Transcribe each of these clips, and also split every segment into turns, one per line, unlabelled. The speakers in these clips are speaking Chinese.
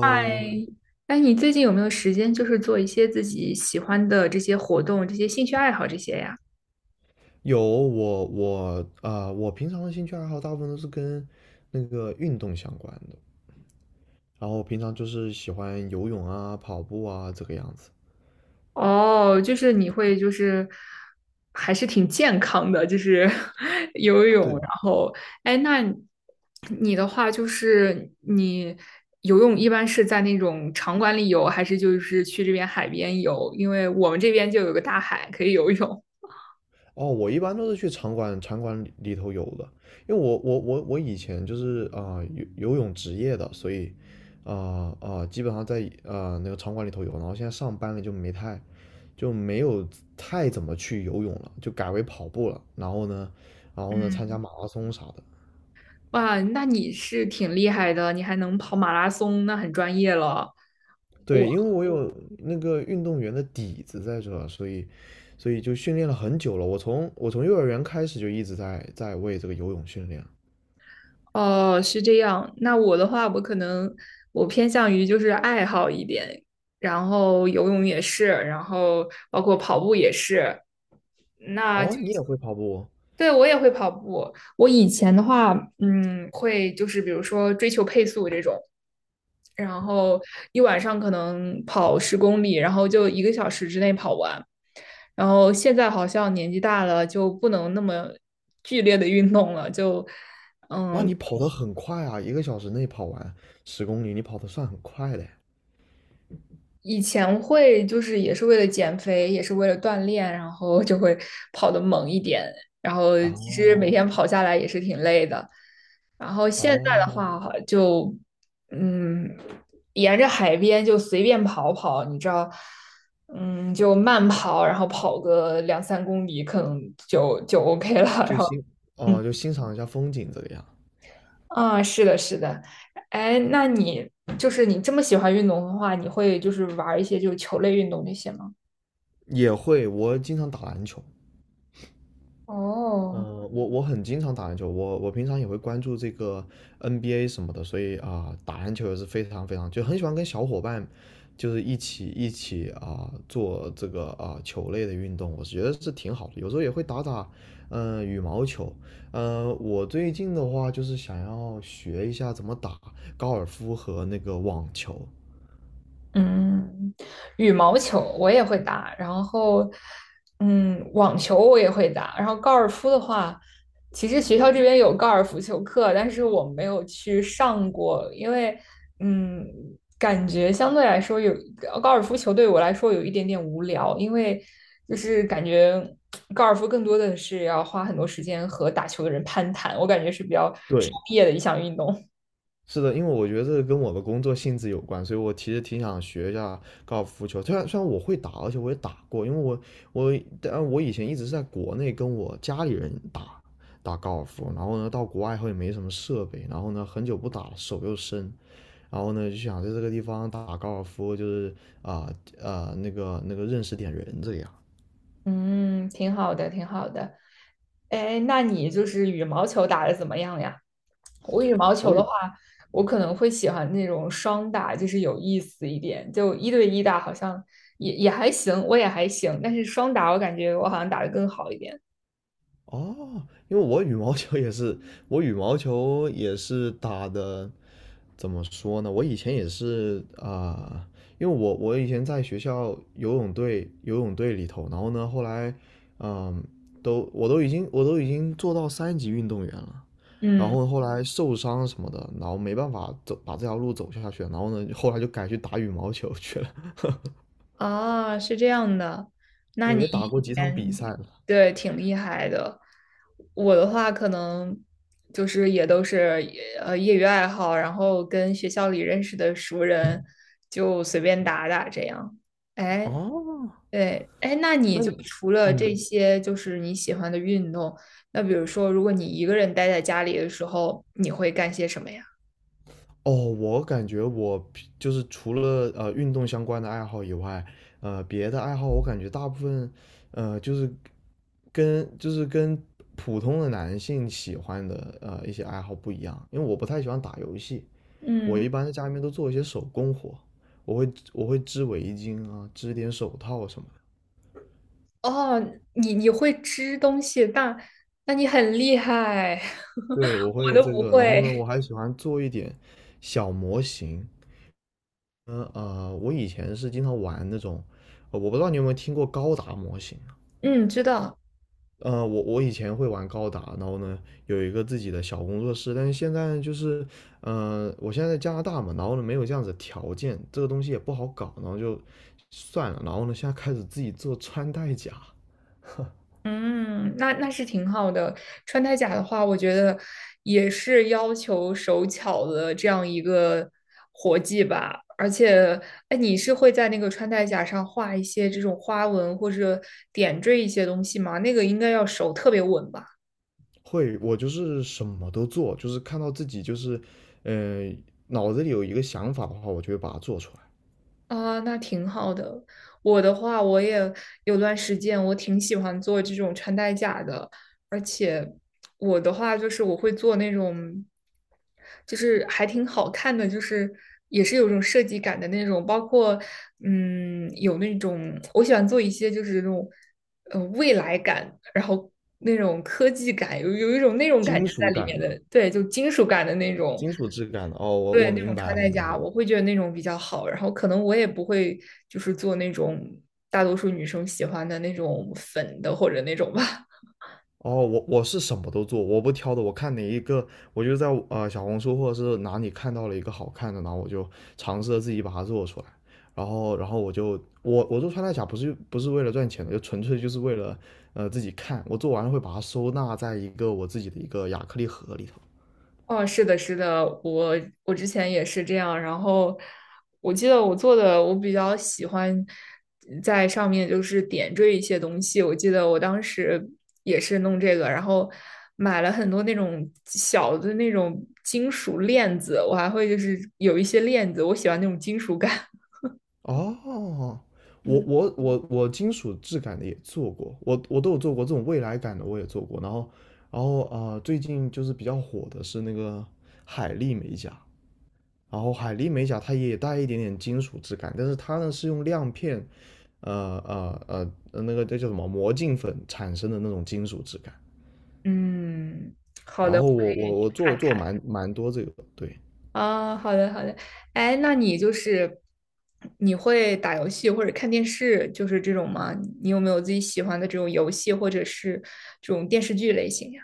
嗨，哎，你最近有没有时间，就是做一些自己喜欢的这些活动、这些兴趣爱好这些呀？
有我我啊、呃我平常的兴趣爱好大部分都是跟那个运动相关的，然后平常就是喜欢游泳啊、跑步啊这个样子。
哦，就是你会就是还是挺健康的，就是 游泳，
对。
然后哎，那你的话就是你游泳一般是在那种场馆里游，还是就是去这边海边游？因为我们这边就有个大海可以游泳。
哦，我一般都是去场馆里头游的，因为我以前就是游游泳职业的，所以基本上在那个场馆里头游，然后现在上班了就没有太怎么去游泳了，就改为跑步了，然后呢，参
嗯，
加马拉松啥的。
哇，那你是挺厉害的，你还能跑马拉松，那很专业了。
对，因为我有那个运动员的底子在这，所以，所以就训练了很久了。我从幼儿园开始就一直在为这个游泳训练。
哦，是这样。那我的话，我可能我偏向于就是爱好一点，然后游泳也是，然后包括跑步也是。那
哦，
就。
你也会跑步？
对，我也会跑步。我以前的话，嗯，会就是比如说追求配速这种，然后一晚上可能跑10公里，然后就1个小时之内跑完。然后现在好像年纪大了，就不能那么剧烈的运动了，
那
嗯，
你跑得很快啊！1个小时内跑完10公里，你跑得算很快的。
以前会就是也是为了减肥，也是为了锻炼，然后就会跑得猛一点，然后其实每
哦
天跑下来也是挺累的。然后现在的
哦，
话就，嗯，沿着海边就随便跑跑，你知道，嗯，就慢跑，然后跑个两三公里，可能就 OK 了。然
就
后，
欣
嗯。
哦, 就欣赏一下风景这个样。
啊，是的，是的，哎，那你就是你这么喜欢运动的话，你会就是玩一些就是球类运动那些吗？
也会，我经常打篮球。
哦，
我很经常打篮球，我我平常也会关注这个 NBA 什么的，所以打篮球也是非常非常，就很喜欢跟小伙伴，就是一起做这个球类的运动，我觉得是挺好的。有时候也会打打，嗯羽毛球。我最近的话就是想要学一下怎么打高尔夫和那个网球。
嗯，羽毛球我也会打，然后，嗯，网球我也会打，然后高尔夫的话，其实学校这边有高尔夫球课，但是我没有去上过，因为，嗯，感觉相对来说高尔夫球对我来说有一点点无聊，因为就是感觉高尔夫更多的是要花很多时间和打球的人攀谈，我感觉是比较商
对，
业的一项运动。
是的，因为我觉得这个跟我的工作性质有关，所以我其实挺想学一下高尔夫球。虽然我会打，而且我也打过，因为我以前一直是在国内跟我家里人打高尔夫，然后呢到国外以后也没什么设备，然后呢很久不打了，手又生，然后呢就想在这个地方打高尔夫，就是认识点人这样。
嗯，挺好的，挺好的。哎，那你就是羽毛球打得怎么样呀？我羽毛球
我
的
有
话，我可能会喜欢那种双打，就是有意思一点。就一对一打好像也还行，我也还行，但是双打我感觉我好像打得更好一点。
哦，因为我羽毛球也是，我羽毛球也是打的，怎么说呢？我以前也是因为我以前在学校游泳队里头，然后呢，后来嗯，都我都已经我都已经做到3级运动员了，然
嗯。
后后来受伤什么的，然后没办法走把这条路走下去了，然后呢，后来就改去打羽毛球去了。
啊，是这样的，那
对，
你
也打过
以
几场比
前
赛了。
对挺厉害的。我的话可能就是也都是业余爱好，然后跟学校里认识的熟人就随便打打这样。哎，
哦，
对，哎，那你
那
就
你
除了这
嗯。
些就是你喜欢的运动，那比如说如果你一个人待在家里的时候，你会干些什么呀？
哦，我感觉我就是除了运动相关的爱好以外，别的爱好我感觉大部分，就是跟普通的男性喜欢的一些爱好不一样，因为我不太喜欢打游戏，我
嗯。
一般在家里面都做一些手工活，我会织围巾啊，织点手套什么的。
哦，你会织东西，那你很厉害，
对，我
我
会
都
这
不
个，然后
会。
呢，我还喜欢做一点小模型。我以前是经常玩那种，我不知道你有没有听过高达模型。
嗯，知道。
我我以前会玩高达，然后呢有一个自己的小工作室，但是现在就是，我现在在加拿大嘛，然后呢没有这样子的条件，这个东西也不好搞，然后就算了，然后呢现在开始自己做穿戴甲。
嗯，那那是挺好的。穿戴甲的话，我觉得也是要求手巧的这样一个活计吧。而且，哎，你是会在那个穿戴甲上画一些这种花纹或者点缀一些东西吗？那个应该要手特别稳吧。
我就是什么都做，就是看到自己就是，呃，脑子里有一个想法的话，我就会把它做出来。
啊，那挺好的。我的话，我也有段时间我挺喜欢做这种穿戴甲的，而且我的话就是我会做那种，就是还挺好看的，就是也是有种设计感的那种，包括嗯，有那种我喜欢做一些就是那种未来感，然后那种科技感，有一种那种感
金
觉在
属
里
感
面
的，
的，对，就金属感的那种。
金属质感的，哦，我
对，
我
那
明
种
白，
穿
我
戴
明白。
甲，我会觉得那种比较好。然后可能我也不会就是做那种大多数女生喜欢的那种粉的或者那种吧。
哦，我是什么都做，我不挑的。我看哪一个，我就在小红书或者是哪里看到了一个好看的，然后我就尝试着自己把它做出来。然后，然后我就我我做穿戴甲不是为了赚钱的，就纯粹就是为了自己看。我做完了会把它收纳在一个我自己的一个亚克力盒里头。
哦，是的，是的，我之前也是这样。然后我记得我做的，我比较喜欢在上面就是点缀一些东西。我记得我当时也是弄这个，然后买了很多那种小的那种金属链子，我还会就是有一些链子，我喜欢那种金属感。
哦，我
嗯。
我我我金属质感的也做过，我都有做过这种未来感的我也做过。然后，然后最近就是比较火的是那个海丽美甲。然后海莉美甲它也带一点点金属质感，但是它呢是用亮片，那个这叫什么魔镜粉产生的那种金属质感。
嗯，好
然
的，我
后我做
看
做
看
蛮多这个，对。
啊，好的，好的。哎，那你就是你会打游戏或者看电视，就是这种吗？你有没有自己喜欢的这种游戏或者是这种电视剧类型呀？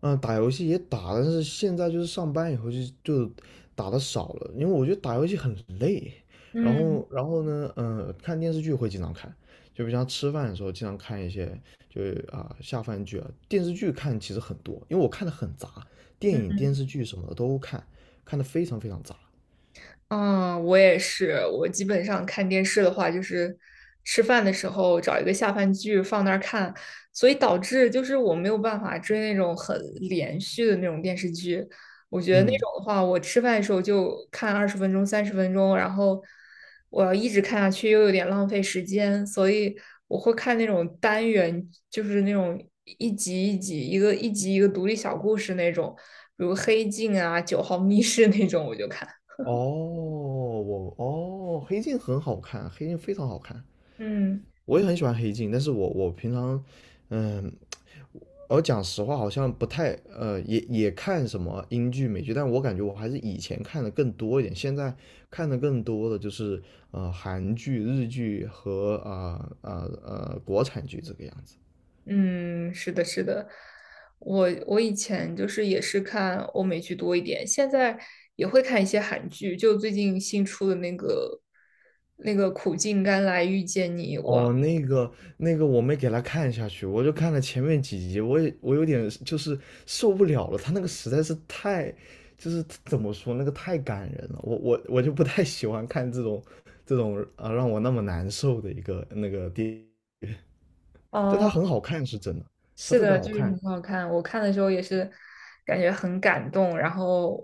嗯，打游戏也打，但是现在就是上班以后就打的少了，因为我觉得打游戏很累。然
嗯
后，然后呢，嗯，看电视剧会经常看，就比如像吃饭的时候经常看一些，就是下饭剧啊，电视剧看其实很多，因为我看的很杂，电影、电视剧什么的都看，看的非常非常杂。
嗯，我也是。我基本上看电视的话，就是吃饭的时候找一个下饭剧放那儿看，所以导致就是我没有办法追那种很连续的那种电视剧。我觉得那
嗯，
种的话，我吃饭的时候就看20分钟、30分钟，然后我要一直看下去又有点浪费时间，所以我会看那种单元，就是那种一集一集、一个一集一个独立小故事那种，比如《黑镜》啊、《九号密室》那种，我就看。
哦,黑镜很好看，黑镜非常好看，
嗯。
我也很喜欢黑镜，但是我平常，嗯，我讲实话，好像不太也看什么英剧、美剧，但我感觉我还是以前看的更多一点，现在看的更多的就是韩剧、日剧和国产剧这个样子。
嗯，是的，是的，我以前就是也是看欧美剧多一点，现在也会看一些韩剧，就最近新出的那个《苦尽甘来遇见你》，我
哦，那个我没给他看下去，我就看了前面几集，我有点就是受不了了，他那个实在是太，就是怎么说那个太感人了，我就不太喜欢看这种让我那么难受的一个那个电，但她
哦，
很好看是真的，她
是
特别
的，
好
就是
看。
很好看。我看的时候也是感觉很感动，然后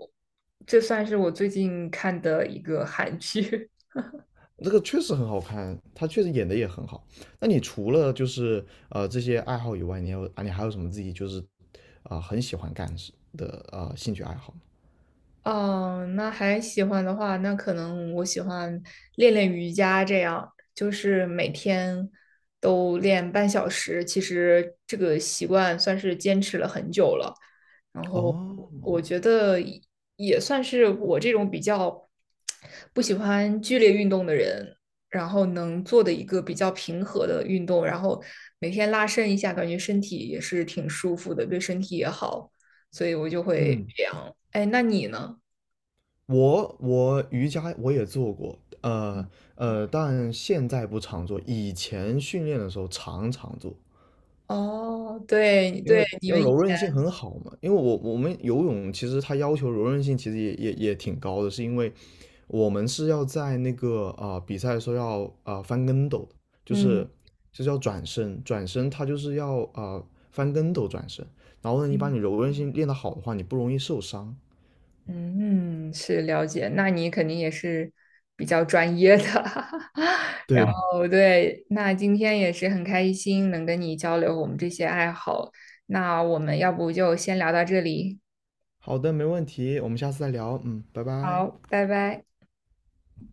这算是我最近看的一个韩剧。
这个确实很好看，她确实演的也很好。那你除了就是这些爱好以外，你有你还有什么自己就是很喜欢干的事的兴趣爱好吗？
哦，那还喜欢的话，那可能我喜欢练练瑜伽，这样就是每天都练半小时。其实这个习惯算是坚持了很久了，然后
哦，
我觉得也算是我这种比较不喜欢剧烈运动的人，然后能做的一个比较平和的运动，然后每天拉伸一下，感觉身体也是挺舒服的，对身体也好，所以我就会
嗯，
这样。哎，那你呢？
我瑜伽我也做过，但现在不常做，以前训练的时候常常做。
哦，对
因为
对，你
要
们以
柔
前，
韧性很好嘛，因为我们游泳其实它要求柔韧性其实也挺高的，是因为我们是要在那个比赛的时候要翻跟斗的，就
嗯
是就是要转身，转身它就是要翻跟斗转身，然后呢，你把
嗯，
你柔韧性练得好的话，你不容易受伤。
嗯，嗯，是了解，那你肯定也是比较专业的。然
对，
后对，那今天也是很开心能跟你交流我们这些爱好。那我们要不就先聊到这里，
好的，没问题，我们下次再聊，嗯，拜拜。
好，拜拜。